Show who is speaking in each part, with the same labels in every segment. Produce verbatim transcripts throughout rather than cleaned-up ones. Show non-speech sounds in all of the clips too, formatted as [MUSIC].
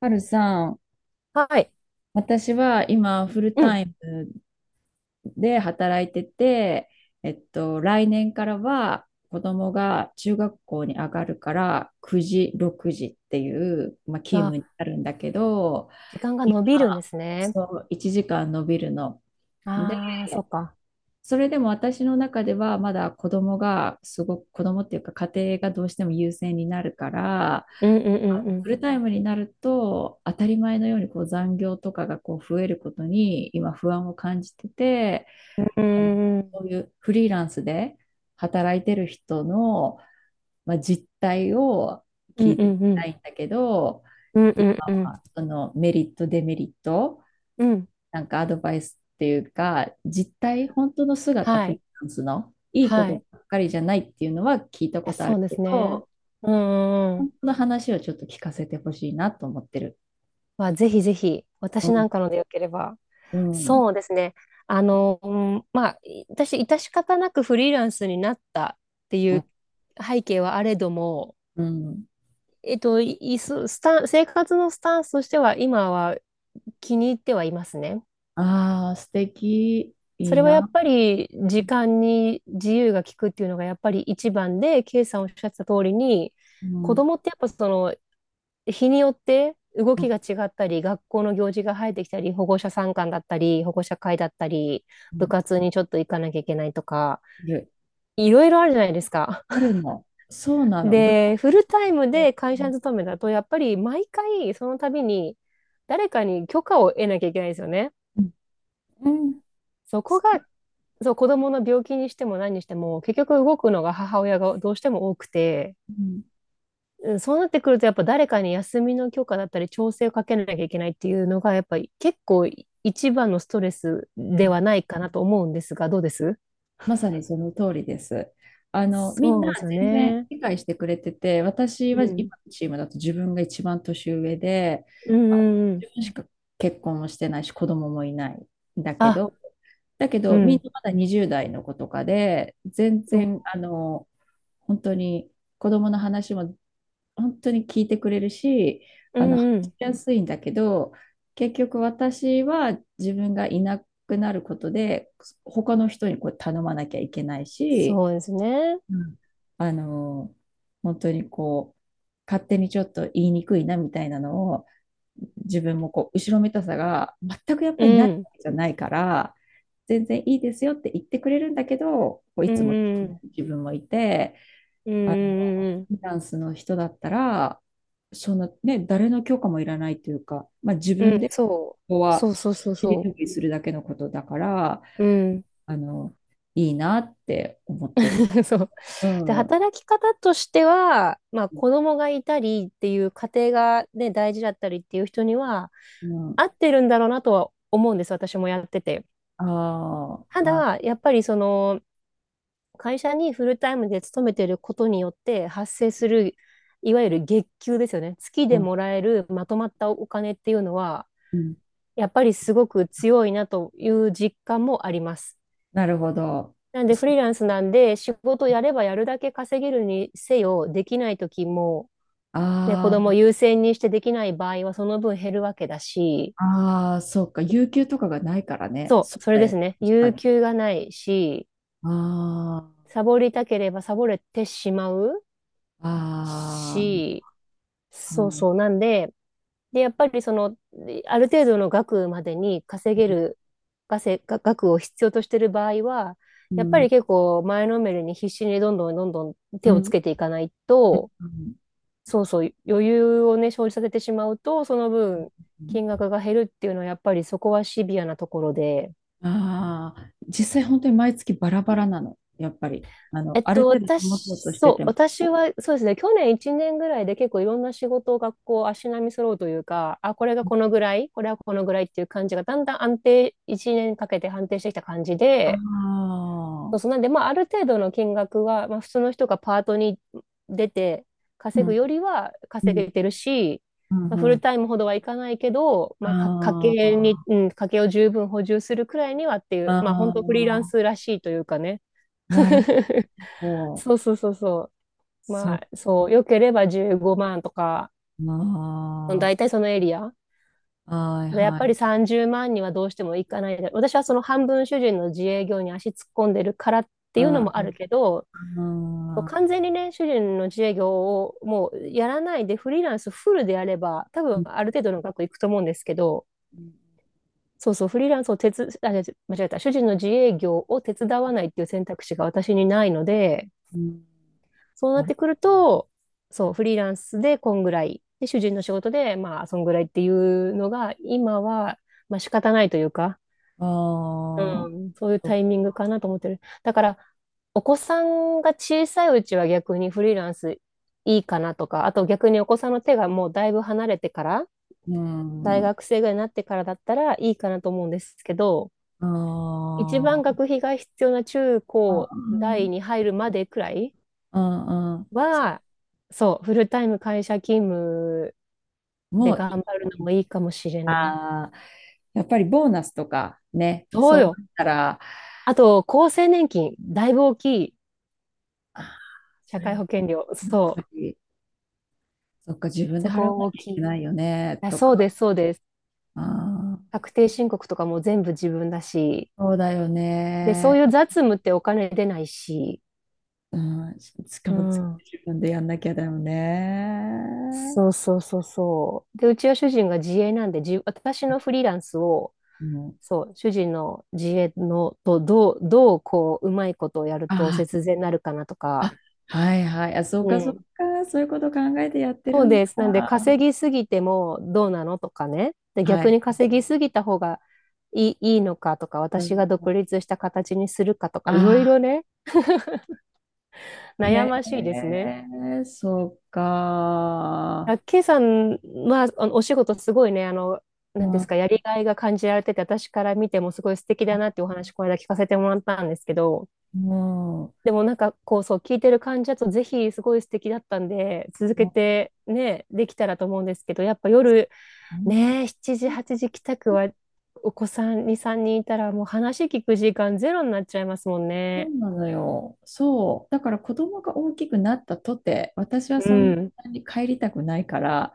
Speaker 1: はるさん、
Speaker 2: はい。
Speaker 1: 私は今フル
Speaker 2: うん。
Speaker 1: タイムで働いてて、えっと、来年からは子供が中学校に上がるからくじ、ろくじっていう、まあ、勤
Speaker 2: あ、
Speaker 1: 務になるんだけど、
Speaker 2: 時間が
Speaker 1: 今、
Speaker 2: 伸びるんですね。
Speaker 1: そう、いちじかん伸びるの。で、
Speaker 2: ああ、そっか。
Speaker 1: それでも私の中ではまだ子供がすごく、子供っていうか家庭がどうしても優先になるから、
Speaker 2: うんうんうん
Speaker 1: あ
Speaker 2: う
Speaker 1: の
Speaker 2: ん。
Speaker 1: フルタイムになると当たり前のようにこう残業とかがこう増えることに今不安を感じてて、
Speaker 2: うんう
Speaker 1: あの
Speaker 2: んうん。
Speaker 1: そういうフリーランスで働いてる人の、まあ、実態を
Speaker 2: うん
Speaker 1: 聞い
Speaker 2: う
Speaker 1: てみた
Speaker 2: ん
Speaker 1: いんだけど、
Speaker 2: う
Speaker 1: 今
Speaker 2: ん。
Speaker 1: はそのメリットデメリット、
Speaker 2: うん。
Speaker 1: なんかアドバイスっていうか実態、本当の姿、
Speaker 2: は
Speaker 1: フリー
Speaker 2: い。
Speaker 1: ランスのいいこ
Speaker 2: は
Speaker 1: と
Speaker 2: い。
Speaker 1: ば
Speaker 2: い
Speaker 1: っかりじゃないっていうのは聞いた
Speaker 2: や、
Speaker 1: ことあ
Speaker 2: そう
Speaker 1: る
Speaker 2: で
Speaker 1: け
Speaker 2: すね。
Speaker 1: ど、
Speaker 2: うんうんうん。
Speaker 1: その話をちょっと聞かせてほしいなと思ってる。
Speaker 2: まあ、ぜひぜひ、
Speaker 1: う
Speaker 2: 私な
Speaker 1: ん
Speaker 2: んかのでよければ。
Speaker 1: うん。
Speaker 2: そうですね。あの、うんまあ、い私、致し方なくフリーランスになったって
Speaker 1: う
Speaker 2: い
Speaker 1: ん
Speaker 2: う背景はあれども、
Speaker 1: うん。
Speaker 2: えっと、いいすスタン、生活のスタンスとしては、今は気に入ってはいますね。
Speaker 1: ああ、素敵。い
Speaker 2: そ
Speaker 1: い
Speaker 2: れはやっ
Speaker 1: な。
Speaker 2: ぱり時間に自由が利くっていうのがやっぱり一番で、K さんおっしゃってた通りに、
Speaker 1: う
Speaker 2: 子
Speaker 1: ん。
Speaker 2: 供ってやっぱその日によって動
Speaker 1: う
Speaker 2: き
Speaker 1: ん
Speaker 2: が違ったり、学校の行事が生えてきたり、保護者参観だったり、保護者会だったり、
Speaker 1: う
Speaker 2: 部
Speaker 1: ん、
Speaker 2: 活にちょっと行かなきゃいけないとか、
Speaker 1: いる。
Speaker 2: いろいろあるじゃないですか。
Speaker 1: あるの。そうなの。部活、
Speaker 2: で、フルタイムで
Speaker 1: う
Speaker 2: 会社
Speaker 1: ん。
Speaker 2: に勤めだと、やっぱり毎回その度に誰かに許可を得なきゃいけないんですよね。
Speaker 1: うん。うん、
Speaker 2: そこがそう、子供の病気にしても何にしても、結局動くのが母親がどうしても多くて、うんそうなってくると、やっぱ誰かに休みの許可だったり、調整をかけなきゃいけないっていうのが、やっぱり結構一番のストレス
Speaker 1: う
Speaker 2: で
Speaker 1: ん、
Speaker 2: はないかなと思うんですが、どうです？
Speaker 1: まさにその通りです。あの、みん
Speaker 2: そ
Speaker 1: な
Speaker 2: うですよ
Speaker 1: 全然
Speaker 2: ね。
Speaker 1: 理解してくれてて、私
Speaker 2: う
Speaker 1: は
Speaker 2: ん。
Speaker 1: 今のチームだと自分が一番年上で、
Speaker 2: うん
Speaker 1: あ
Speaker 2: う
Speaker 1: の
Speaker 2: んうん。
Speaker 1: 自分しか結婚もしてないし、子供もいないんだけ
Speaker 2: あ、
Speaker 1: ど、だけ
Speaker 2: う
Speaker 1: ど、みん
Speaker 2: ん。
Speaker 1: なまだにじゅう代の子とかで、全
Speaker 2: うん
Speaker 1: 然、あの、本当に子供の話も本当に聞いてくれるし、
Speaker 2: う
Speaker 1: あの、話
Speaker 2: んう
Speaker 1: し
Speaker 2: ん。
Speaker 1: やすいんだけど、結局私は自分がいなくなることで、他の人にこう頼まなきゃいけないし、
Speaker 2: そうですね。
Speaker 1: うん、あの、本当にこう、勝手にちょっと言いにくいなみたいなのを、自分もこう、後ろめたさが全くやっ
Speaker 2: う
Speaker 1: ぱりないわ
Speaker 2: ん。
Speaker 1: けじゃないから、全然いいですよって言ってくれるんだけど、こうい
Speaker 2: う
Speaker 1: つも
Speaker 2: んうん
Speaker 1: 自分もいて、
Speaker 2: うん。う
Speaker 1: あの、
Speaker 2: んうんうん
Speaker 1: フリーランスの人だったら、そのね、誰の許可もいらないというか、まあ、自
Speaker 2: うん。う
Speaker 1: 分
Speaker 2: ん、
Speaker 1: でこ
Speaker 2: そう。
Speaker 1: こ
Speaker 2: そ
Speaker 1: は
Speaker 2: うそうそう
Speaker 1: 尻
Speaker 2: そ
Speaker 1: 拭きするだけのことだから、
Speaker 2: う。うん。
Speaker 1: あの、いいなって思ってる。
Speaker 2: [LAUGHS] そう。で、
Speaker 1: うん。
Speaker 2: 働き方としては、まあ、子供がいたりっていう家庭が、ね、大事だったりっていう人には
Speaker 1: うん。
Speaker 2: 合ってるんだろうなとは思うんです、私もやってて。
Speaker 1: ああ、
Speaker 2: た
Speaker 1: はい。
Speaker 2: だやっぱりその会社にフルタイムで勤めてることによって発生するいわゆる月給ですよね、月
Speaker 1: う
Speaker 2: で
Speaker 1: ん。
Speaker 2: もらえるまとまったお金っていうのは
Speaker 1: うん、
Speaker 2: やっぱりすごく強いなという実感もあります。
Speaker 1: なるほど。
Speaker 2: なんでフリーランスなんで、仕事やればやるだけ稼げるにせよ、できない時も、ね、子供
Speaker 1: あ
Speaker 2: 優先にしてできない場合はその分減るわけだし、
Speaker 1: あ、ああ、そうか。有給とかがないからね。
Speaker 2: そ
Speaker 1: そう
Speaker 2: う、それ
Speaker 1: だ
Speaker 2: です
Speaker 1: よ。
Speaker 2: ね。
Speaker 1: 確か
Speaker 2: 有
Speaker 1: に。
Speaker 2: 給がないし、
Speaker 1: あ
Speaker 2: サボりたければサボれてしまう
Speaker 1: あ、あ
Speaker 2: し、
Speaker 1: あ、は
Speaker 2: そう
Speaker 1: い。
Speaker 2: そう。なんで、で、やっぱりその、ある程度の額までに稼げる稼が額を必要としている場合は、
Speaker 1: う
Speaker 2: やっぱ
Speaker 1: ん、
Speaker 2: り結構前のめりに必死にどんどんどんどん
Speaker 1: う
Speaker 2: 手
Speaker 1: ん、う
Speaker 2: をつ
Speaker 1: ん。
Speaker 2: けていかないと、そうそう、余裕をね、生じさせてしまうと、その分、
Speaker 1: うん、
Speaker 2: 金額が減るっていうのは、やっぱりそこはシビアなところで、
Speaker 1: ああ、実際本当に毎月バラバラなの、やっぱり。あの、
Speaker 2: えっ
Speaker 1: ある
Speaker 2: と、
Speaker 1: 程度手
Speaker 2: 私、
Speaker 1: 元として
Speaker 2: そう、
Speaker 1: ても。
Speaker 2: 私は、そうですね、去年いちねんぐらいで結構いろんな仕事を学校、足並み揃うというか、あ、これがこのぐらい、これはこのぐらいっていう感じが、だんだん安定、いちねんかけて安定してきた感じ
Speaker 1: あ
Speaker 2: で、そ
Speaker 1: あ、
Speaker 2: うそう、なんで、まあ、ある程度の金額は、まあ、普通の人がパートに出て
Speaker 1: う
Speaker 2: 稼ぐ
Speaker 1: ん、
Speaker 2: よりは
Speaker 1: う
Speaker 2: 稼
Speaker 1: ん、
Speaker 2: げてるし、
Speaker 1: う
Speaker 2: まあ、フ
Speaker 1: ん、う
Speaker 2: ル
Speaker 1: ん。
Speaker 2: タイムほどはいかないけど、まあ、か、家計に、
Speaker 1: あ
Speaker 2: うん、家計を十分補充するくらいにはってい
Speaker 1: あ、
Speaker 2: う、まあ、
Speaker 1: あ
Speaker 2: 本当フリーラン
Speaker 1: あ、
Speaker 2: スらしいというかね。
Speaker 1: なる
Speaker 2: [LAUGHS]
Speaker 1: ほど。
Speaker 2: そうそうそうそう。
Speaker 1: そ
Speaker 2: ま
Speaker 1: っ
Speaker 2: あ、そう、良ければじゅうごまんとか、大
Speaker 1: か。
Speaker 2: 体そのエリア。
Speaker 1: はい、
Speaker 2: でやっ
Speaker 1: は
Speaker 2: ぱり
Speaker 1: い。
Speaker 2: さんじゅうまんにはどうしてもいかないで。私はその半分主人の自営業に足突っ込んでるからって
Speaker 1: あ
Speaker 2: いうのもあるけど、
Speaker 1: あ、う
Speaker 2: 完全にね、主人の自営業をもうやらないでフリーランスフルでやれば、多
Speaker 1: ん、
Speaker 2: 分
Speaker 1: う
Speaker 2: ある程度の額いくと思うんですけど、そうそう、フリーランスを手つ、あ、間違えた、主人の自営業を手伝わないっていう選択肢が私にないので、
Speaker 1: ん、
Speaker 2: そうな
Speaker 1: あ
Speaker 2: っ
Speaker 1: る、
Speaker 2: てくると、そう、フリーランスでこんぐらい、で、主人の仕事で、まあ、そんぐらいっていうのが、今は、まあ仕方ないというか、
Speaker 1: あー、
Speaker 2: うん、そういうタ
Speaker 1: と、
Speaker 2: イミングかなと思ってる。だから、お子さんが小さいうちは逆にフリーランスいいかなとか、あと逆にお子さんの手がもうだいぶ離れてから、
Speaker 1: う
Speaker 2: 大
Speaker 1: ん、
Speaker 2: 学生ぐらいになってからだったらいいかなと思うんですけど、
Speaker 1: あ
Speaker 2: 一番学
Speaker 1: ー、
Speaker 2: 費が必要な中
Speaker 1: あ、
Speaker 2: 高
Speaker 1: うん、
Speaker 2: 大に入るまでくらい
Speaker 1: うん、うん。そ、
Speaker 2: は、そう、フルタイム会社勤務で
Speaker 1: もうい
Speaker 2: 頑張るのも
Speaker 1: い、
Speaker 2: いいかもしれない。
Speaker 1: ああ、やっぱりボーナスとかね、
Speaker 2: そ
Speaker 1: そ
Speaker 2: う
Speaker 1: う
Speaker 2: よ。
Speaker 1: なったら、
Speaker 2: あと、厚生年金、だいぶ大きい。
Speaker 1: あ、そ
Speaker 2: 社
Speaker 1: れ
Speaker 2: 会
Speaker 1: を、
Speaker 2: 保険料、そ
Speaker 1: やっぱり、そっか、自
Speaker 2: う、
Speaker 1: 分で
Speaker 2: そ
Speaker 1: 払わな
Speaker 2: こ大
Speaker 1: きゃい
Speaker 2: き
Speaker 1: け
Speaker 2: い。
Speaker 1: ないよね、
Speaker 2: あ
Speaker 1: とか、
Speaker 2: そうです、そうです。
Speaker 1: あー、
Speaker 2: 確定申告とかも全部自分だし、
Speaker 1: そうだよ
Speaker 2: で、そう
Speaker 1: ね。
Speaker 2: いう雑務ってお金出ないし、
Speaker 1: うん、し、しか
Speaker 2: う
Speaker 1: も自
Speaker 2: ん。
Speaker 1: 分でやんなきゃだよね。
Speaker 2: そうそうそうそう。で、うちは主人が自営なんで、じ、私のフリーランスを、
Speaker 1: うん、
Speaker 2: そう、主人の自営のとどう、どうこう、うまいことをやると
Speaker 1: あ
Speaker 2: 節税になるかなと
Speaker 1: あ、
Speaker 2: か、
Speaker 1: あ、はいはい。あ、そう
Speaker 2: う
Speaker 1: かそう
Speaker 2: ん。
Speaker 1: か。そういうこと考えてやって
Speaker 2: そ
Speaker 1: る
Speaker 2: う
Speaker 1: んだ。
Speaker 2: です。なんで、稼ぎすぎてもどうなのとかね。で、
Speaker 1: は
Speaker 2: 逆
Speaker 1: い。
Speaker 2: に稼ぎすぎた方がいい、いいのかとか、
Speaker 1: う
Speaker 2: 私
Speaker 1: ん、
Speaker 2: が独立した形にするかと
Speaker 1: あ
Speaker 2: か、いろい
Speaker 1: あ、
Speaker 2: ろね、悩ましいで
Speaker 1: へ
Speaker 2: すね。
Speaker 1: え、そうか。
Speaker 2: あ、K さんは、あの、お仕事すごいね、あの、なん
Speaker 1: う
Speaker 2: です
Speaker 1: ん、
Speaker 2: か、やりがいが感じられてて、私から見てもすごい素敵だなっていうお話、この間聞かせてもらったんですけど、
Speaker 1: も、
Speaker 2: でもなんか、こう、そう、聞いてる感じだと、ぜひ、すごい素敵だったんで、続
Speaker 1: う
Speaker 2: け
Speaker 1: ん。うん、
Speaker 2: てね、できたらと思うんですけど、やっぱ夜、
Speaker 1: うん、
Speaker 2: ね、しちじ、はちじ帰宅は、お子さんに、さんにんいたら、もう話聞く時間ゼロになっちゃいますもん
Speaker 1: そ
Speaker 2: ね。
Speaker 1: うなのよ。そう。だから子供が大きくなったとて、私は
Speaker 2: う
Speaker 1: そん
Speaker 2: ん。
Speaker 1: なに帰りたくないから、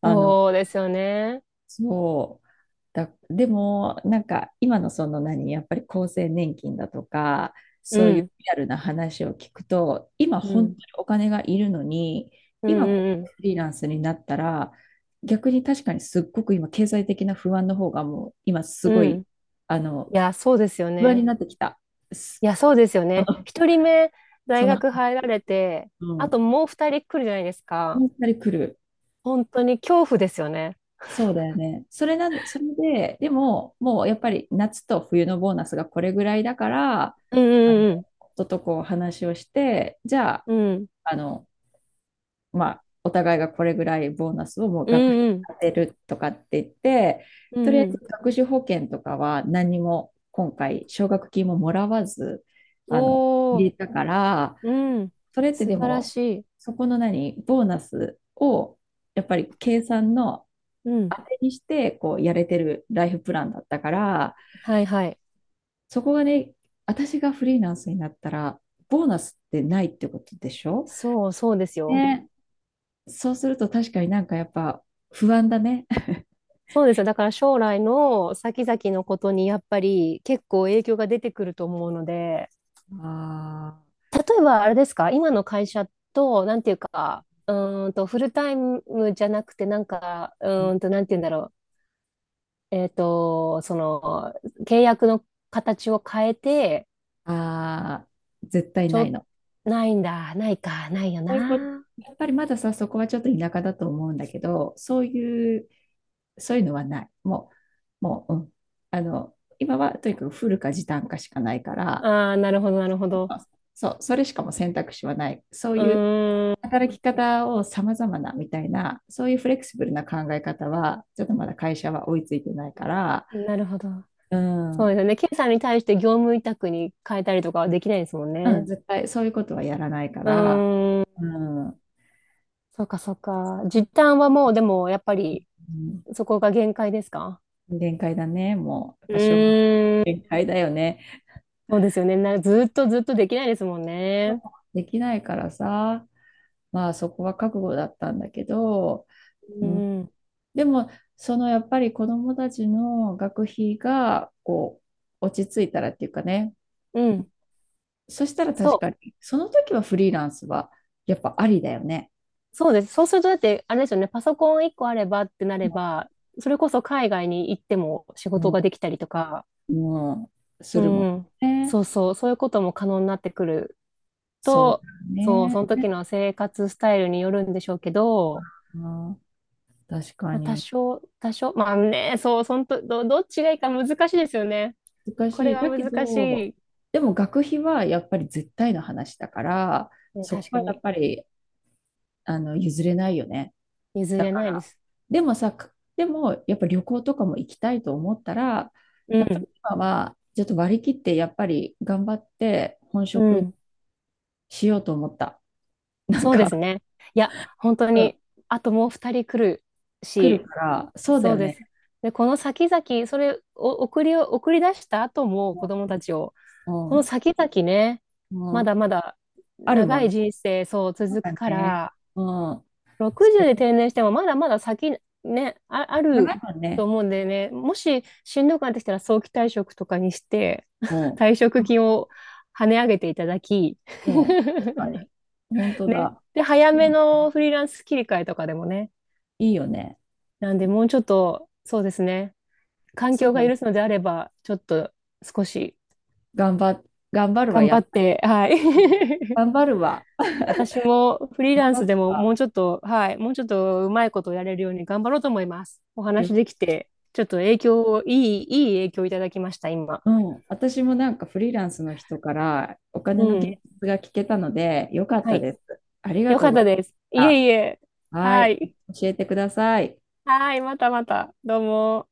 Speaker 1: あの、
Speaker 2: そうですよね。
Speaker 1: そう。だ、でも、なんか今のその何、やっぱり厚生年金だとか、
Speaker 2: う
Speaker 1: そういう
Speaker 2: ん。
Speaker 1: リアルな話を聞くと、今
Speaker 2: う
Speaker 1: 本当
Speaker 2: ん。
Speaker 1: にお金がいるのに、
Speaker 2: う
Speaker 1: 今こ
Speaker 2: ん
Speaker 1: こ
Speaker 2: う
Speaker 1: で
Speaker 2: ん
Speaker 1: フリーランスになったら、逆に確かにすっごく今経済的な不安の方がもう今す
Speaker 2: う
Speaker 1: ご
Speaker 2: ん。うん。
Speaker 1: い、
Speaker 2: い
Speaker 1: あの、
Speaker 2: や、そうですよ
Speaker 1: 不安に
Speaker 2: ね。
Speaker 1: なってきた。す、
Speaker 2: いや、そうですよ
Speaker 1: あ
Speaker 2: ね。
Speaker 1: の
Speaker 2: 一人目、
Speaker 1: そ
Speaker 2: 大
Speaker 1: の、
Speaker 2: 学入られて、
Speaker 1: う
Speaker 2: あと
Speaker 1: ん、
Speaker 2: もう二人来るじゃないですか。
Speaker 1: やっぱり来る。
Speaker 2: 本当に恐怖ですよね。
Speaker 1: そうだよね。それな、それで、でも、もうやっぱり夏と冬のボーナスがこれぐらいだから、
Speaker 2: う
Speaker 1: あの、
Speaker 2: んうん
Speaker 1: 夫とこう話をして、じゃあ、
Speaker 2: うんうん。
Speaker 1: あの、まあ、お互いがこれぐらいボーナスをもう
Speaker 2: う
Speaker 1: 学費に
Speaker 2: んうん
Speaker 1: 当てるとかって言って、
Speaker 2: う
Speaker 1: と
Speaker 2: ん
Speaker 1: りあえ
Speaker 2: うん。
Speaker 1: ず学資保険とかは何にも今回奨学金ももらわず、あの、
Speaker 2: お
Speaker 1: 入
Speaker 2: ー、
Speaker 1: れたから、
Speaker 2: うん。
Speaker 1: それって
Speaker 2: 素
Speaker 1: で
Speaker 2: 晴ら
Speaker 1: も、
Speaker 2: しい。
Speaker 1: そこの何、ボーナスを、やっぱり計算の
Speaker 2: うん。
Speaker 1: 当てにして、こう、やれてるライフプランだったから、
Speaker 2: はいはい。
Speaker 1: そこがね、私がフリーランスになったら、ボーナスってないってことでしょ
Speaker 2: そうそうですよ。
Speaker 1: ね。そうすると確かになんかやっぱ不安だね。[LAUGHS]
Speaker 2: そうですよ。だから将来の先々のことにやっぱり結構影響が出てくると思うので。
Speaker 1: あ
Speaker 2: 例えばあれですか、今の会社と、なんていうか、うーんと、フルタイムじゃなくて、なんか、う
Speaker 1: ー、
Speaker 2: ーんと、なんていうんだろう、えっと、その、契約の形を変えて、
Speaker 1: あー、あ、絶対
Speaker 2: ち
Speaker 1: ない
Speaker 2: ょ、
Speaker 1: の。
Speaker 2: ないんだ、ないか、ないよ
Speaker 1: そういうこと、
Speaker 2: な。
Speaker 1: やっぱりまださ、そこはちょっと田舎だと思うんだけど、そういう、そういうのはない。もう、もう、うん。あの、今はとにかくフルか時短かしかないから、
Speaker 2: ああ、なるほど、なるほど。
Speaker 1: そう、それしかも選択肢はない。そう
Speaker 2: う
Speaker 1: いう
Speaker 2: ーん、
Speaker 1: 働き方を様々なみたいな、そういうフレキシブルな考え方は、ちょっとまだ会社は追いついてないから、
Speaker 2: なるほど。
Speaker 1: う
Speaker 2: そう
Speaker 1: ん、
Speaker 2: ですよね。ケイさんに対して業務委託に変えたりとかはできないですもん
Speaker 1: うん、
Speaker 2: ね。
Speaker 1: 絶対そういうことはやらないか
Speaker 2: う
Speaker 1: ら、
Speaker 2: ーん、
Speaker 1: うん、う
Speaker 2: そうか、そうか。実態はもう、でも、やっぱり、
Speaker 1: ん、
Speaker 2: そこが限界ですか？
Speaker 1: 限界だね、もう、やっ
Speaker 2: う
Speaker 1: ぱ小学、
Speaker 2: ー
Speaker 1: 限
Speaker 2: ん
Speaker 1: 界だよね。
Speaker 2: そうですよね。な、ずっとずっとできないですもんね。
Speaker 1: できないからさ、まあそこは覚悟だったんだけど、う
Speaker 2: う
Speaker 1: ん、
Speaker 2: ん。
Speaker 1: でも、そのやっぱり子どもたちの学費がこう落ち着いたらっていうかね、
Speaker 2: うん。
Speaker 1: そしたら
Speaker 2: そ
Speaker 1: 確
Speaker 2: う。
Speaker 1: かに、その時はフリーランスはやっぱありだよね。
Speaker 2: そうです。そうすると、だって、あれですよね。パソコン一個あればってなれ
Speaker 1: も
Speaker 2: ば、それこそ海外に行っても仕事
Speaker 1: う、
Speaker 2: ができたりとか、
Speaker 1: もうす
Speaker 2: う
Speaker 1: るも
Speaker 2: ん。
Speaker 1: んね。
Speaker 2: そうそう。そういうことも可能になってくる
Speaker 1: そうだ
Speaker 2: と、そう、
Speaker 1: よ
Speaker 2: その
Speaker 1: ね。
Speaker 2: 時の生活スタイルによるんでしょうけど、
Speaker 1: あー、確か
Speaker 2: まあ、多
Speaker 1: に。
Speaker 2: 少、多少、まあね、そう、そんと、ど、どっちがいいか難しいですよね。
Speaker 1: 難
Speaker 2: こ
Speaker 1: し
Speaker 2: れ
Speaker 1: い。
Speaker 2: は
Speaker 1: だけ
Speaker 2: 難し
Speaker 1: ど、
Speaker 2: い。
Speaker 1: でも学費はやっぱり絶対の話だから、
Speaker 2: うん、
Speaker 1: そこ
Speaker 2: 確か
Speaker 1: はやっ
Speaker 2: に。
Speaker 1: ぱりあの譲れないよね。
Speaker 2: 譲
Speaker 1: だ
Speaker 2: れ
Speaker 1: か
Speaker 2: ないで
Speaker 1: ら。
Speaker 2: す。
Speaker 1: でもさ、か、でもやっぱ旅行とかも行きたいと思ったら、
Speaker 2: う
Speaker 1: やっぱ
Speaker 2: ん。
Speaker 1: り今はちょっと割り切ってやっぱり頑張って本
Speaker 2: う
Speaker 1: 職
Speaker 2: ん。
Speaker 1: しようと思った。なん
Speaker 2: そうです
Speaker 1: か、
Speaker 2: ね。いや、本当
Speaker 1: うん、
Speaker 2: に、あともう二人来る
Speaker 1: 来る
Speaker 2: し、
Speaker 1: から、そうだ
Speaker 2: そう
Speaker 1: よ
Speaker 2: で
Speaker 1: ね。
Speaker 2: す。で、この先々、それを送りを、送り出した後も
Speaker 1: う
Speaker 2: 子供
Speaker 1: ん、
Speaker 2: たちを、この先々ね、
Speaker 1: うん、う
Speaker 2: ま
Speaker 1: ん、
Speaker 2: だまだ
Speaker 1: あるも
Speaker 2: 長
Speaker 1: ん。
Speaker 2: い人生、そう、
Speaker 1: そう
Speaker 2: 続
Speaker 1: だ
Speaker 2: くか
Speaker 1: ね。
Speaker 2: ら、
Speaker 1: うん。そ
Speaker 2: ろくじゅう
Speaker 1: れ
Speaker 2: で定年してもまだまだ先、ね、あ、ある
Speaker 1: 長いもん
Speaker 2: と
Speaker 1: ね。
Speaker 2: 思うんでね、もししんどくなってきたら早期退職とかにして、
Speaker 1: も、
Speaker 2: [LAUGHS]
Speaker 1: う
Speaker 2: 退職金を跳ね上げていただき、
Speaker 1: ん。うん。
Speaker 2: [LAUGHS]
Speaker 1: 確かに。本当
Speaker 2: ね。
Speaker 1: だ。
Speaker 2: で、
Speaker 1: そ
Speaker 2: 早め
Speaker 1: う、
Speaker 2: のフリーランス切り替えとかでもね。
Speaker 1: いいよね。
Speaker 2: なんで、もうちょっと、そうですね。環
Speaker 1: そう
Speaker 2: 境が
Speaker 1: だな。
Speaker 2: 許すのであれば、ちょっと少し
Speaker 1: 頑張、頑張るわ。
Speaker 2: 頑
Speaker 1: や
Speaker 2: 張
Speaker 1: っ
Speaker 2: っ
Speaker 1: ぱ、
Speaker 2: て、はい。[LAUGHS]
Speaker 1: 頑張るわ。
Speaker 2: 私もフリー
Speaker 1: 頑
Speaker 2: ラン
Speaker 1: 張
Speaker 2: ス
Speaker 1: る
Speaker 2: でももう
Speaker 1: わ。
Speaker 2: ちょっと、はい、もうちょっとうまいことをやれるように頑張ろうと思います。お
Speaker 1: 旅、
Speaker 2: 話できて、ちょっと影響を、いい、いい影響をいただきました、今。
Speaker 1: うん、私もなんかフリーランスの人からお金
Speaker 2: う
Speaker 1: の現
Speaker 2: ん。
Speaker 1: 実が聞けたので、よかっ
Speaker 2: は
Speaker 1: た
Speaker 2: い。
Speaker 1: です。ありが
Speaker 2: よ
Speaker 1: と
Speaker 2: か
Speaker 1: う
Speaker 2: っ
Speaker 1: ござ
Speaker 2: た
Speaker 1: い
Speaker 2: です。い
Speaker 1: まし
Speaker 2: えいえ。
Speaker 1: た。は
Speaker 2: は
Speaker 1: い、
Speaker 2: い。
Speaker 1: 教えてください。
Speaker 2: はい、またまた。どうも。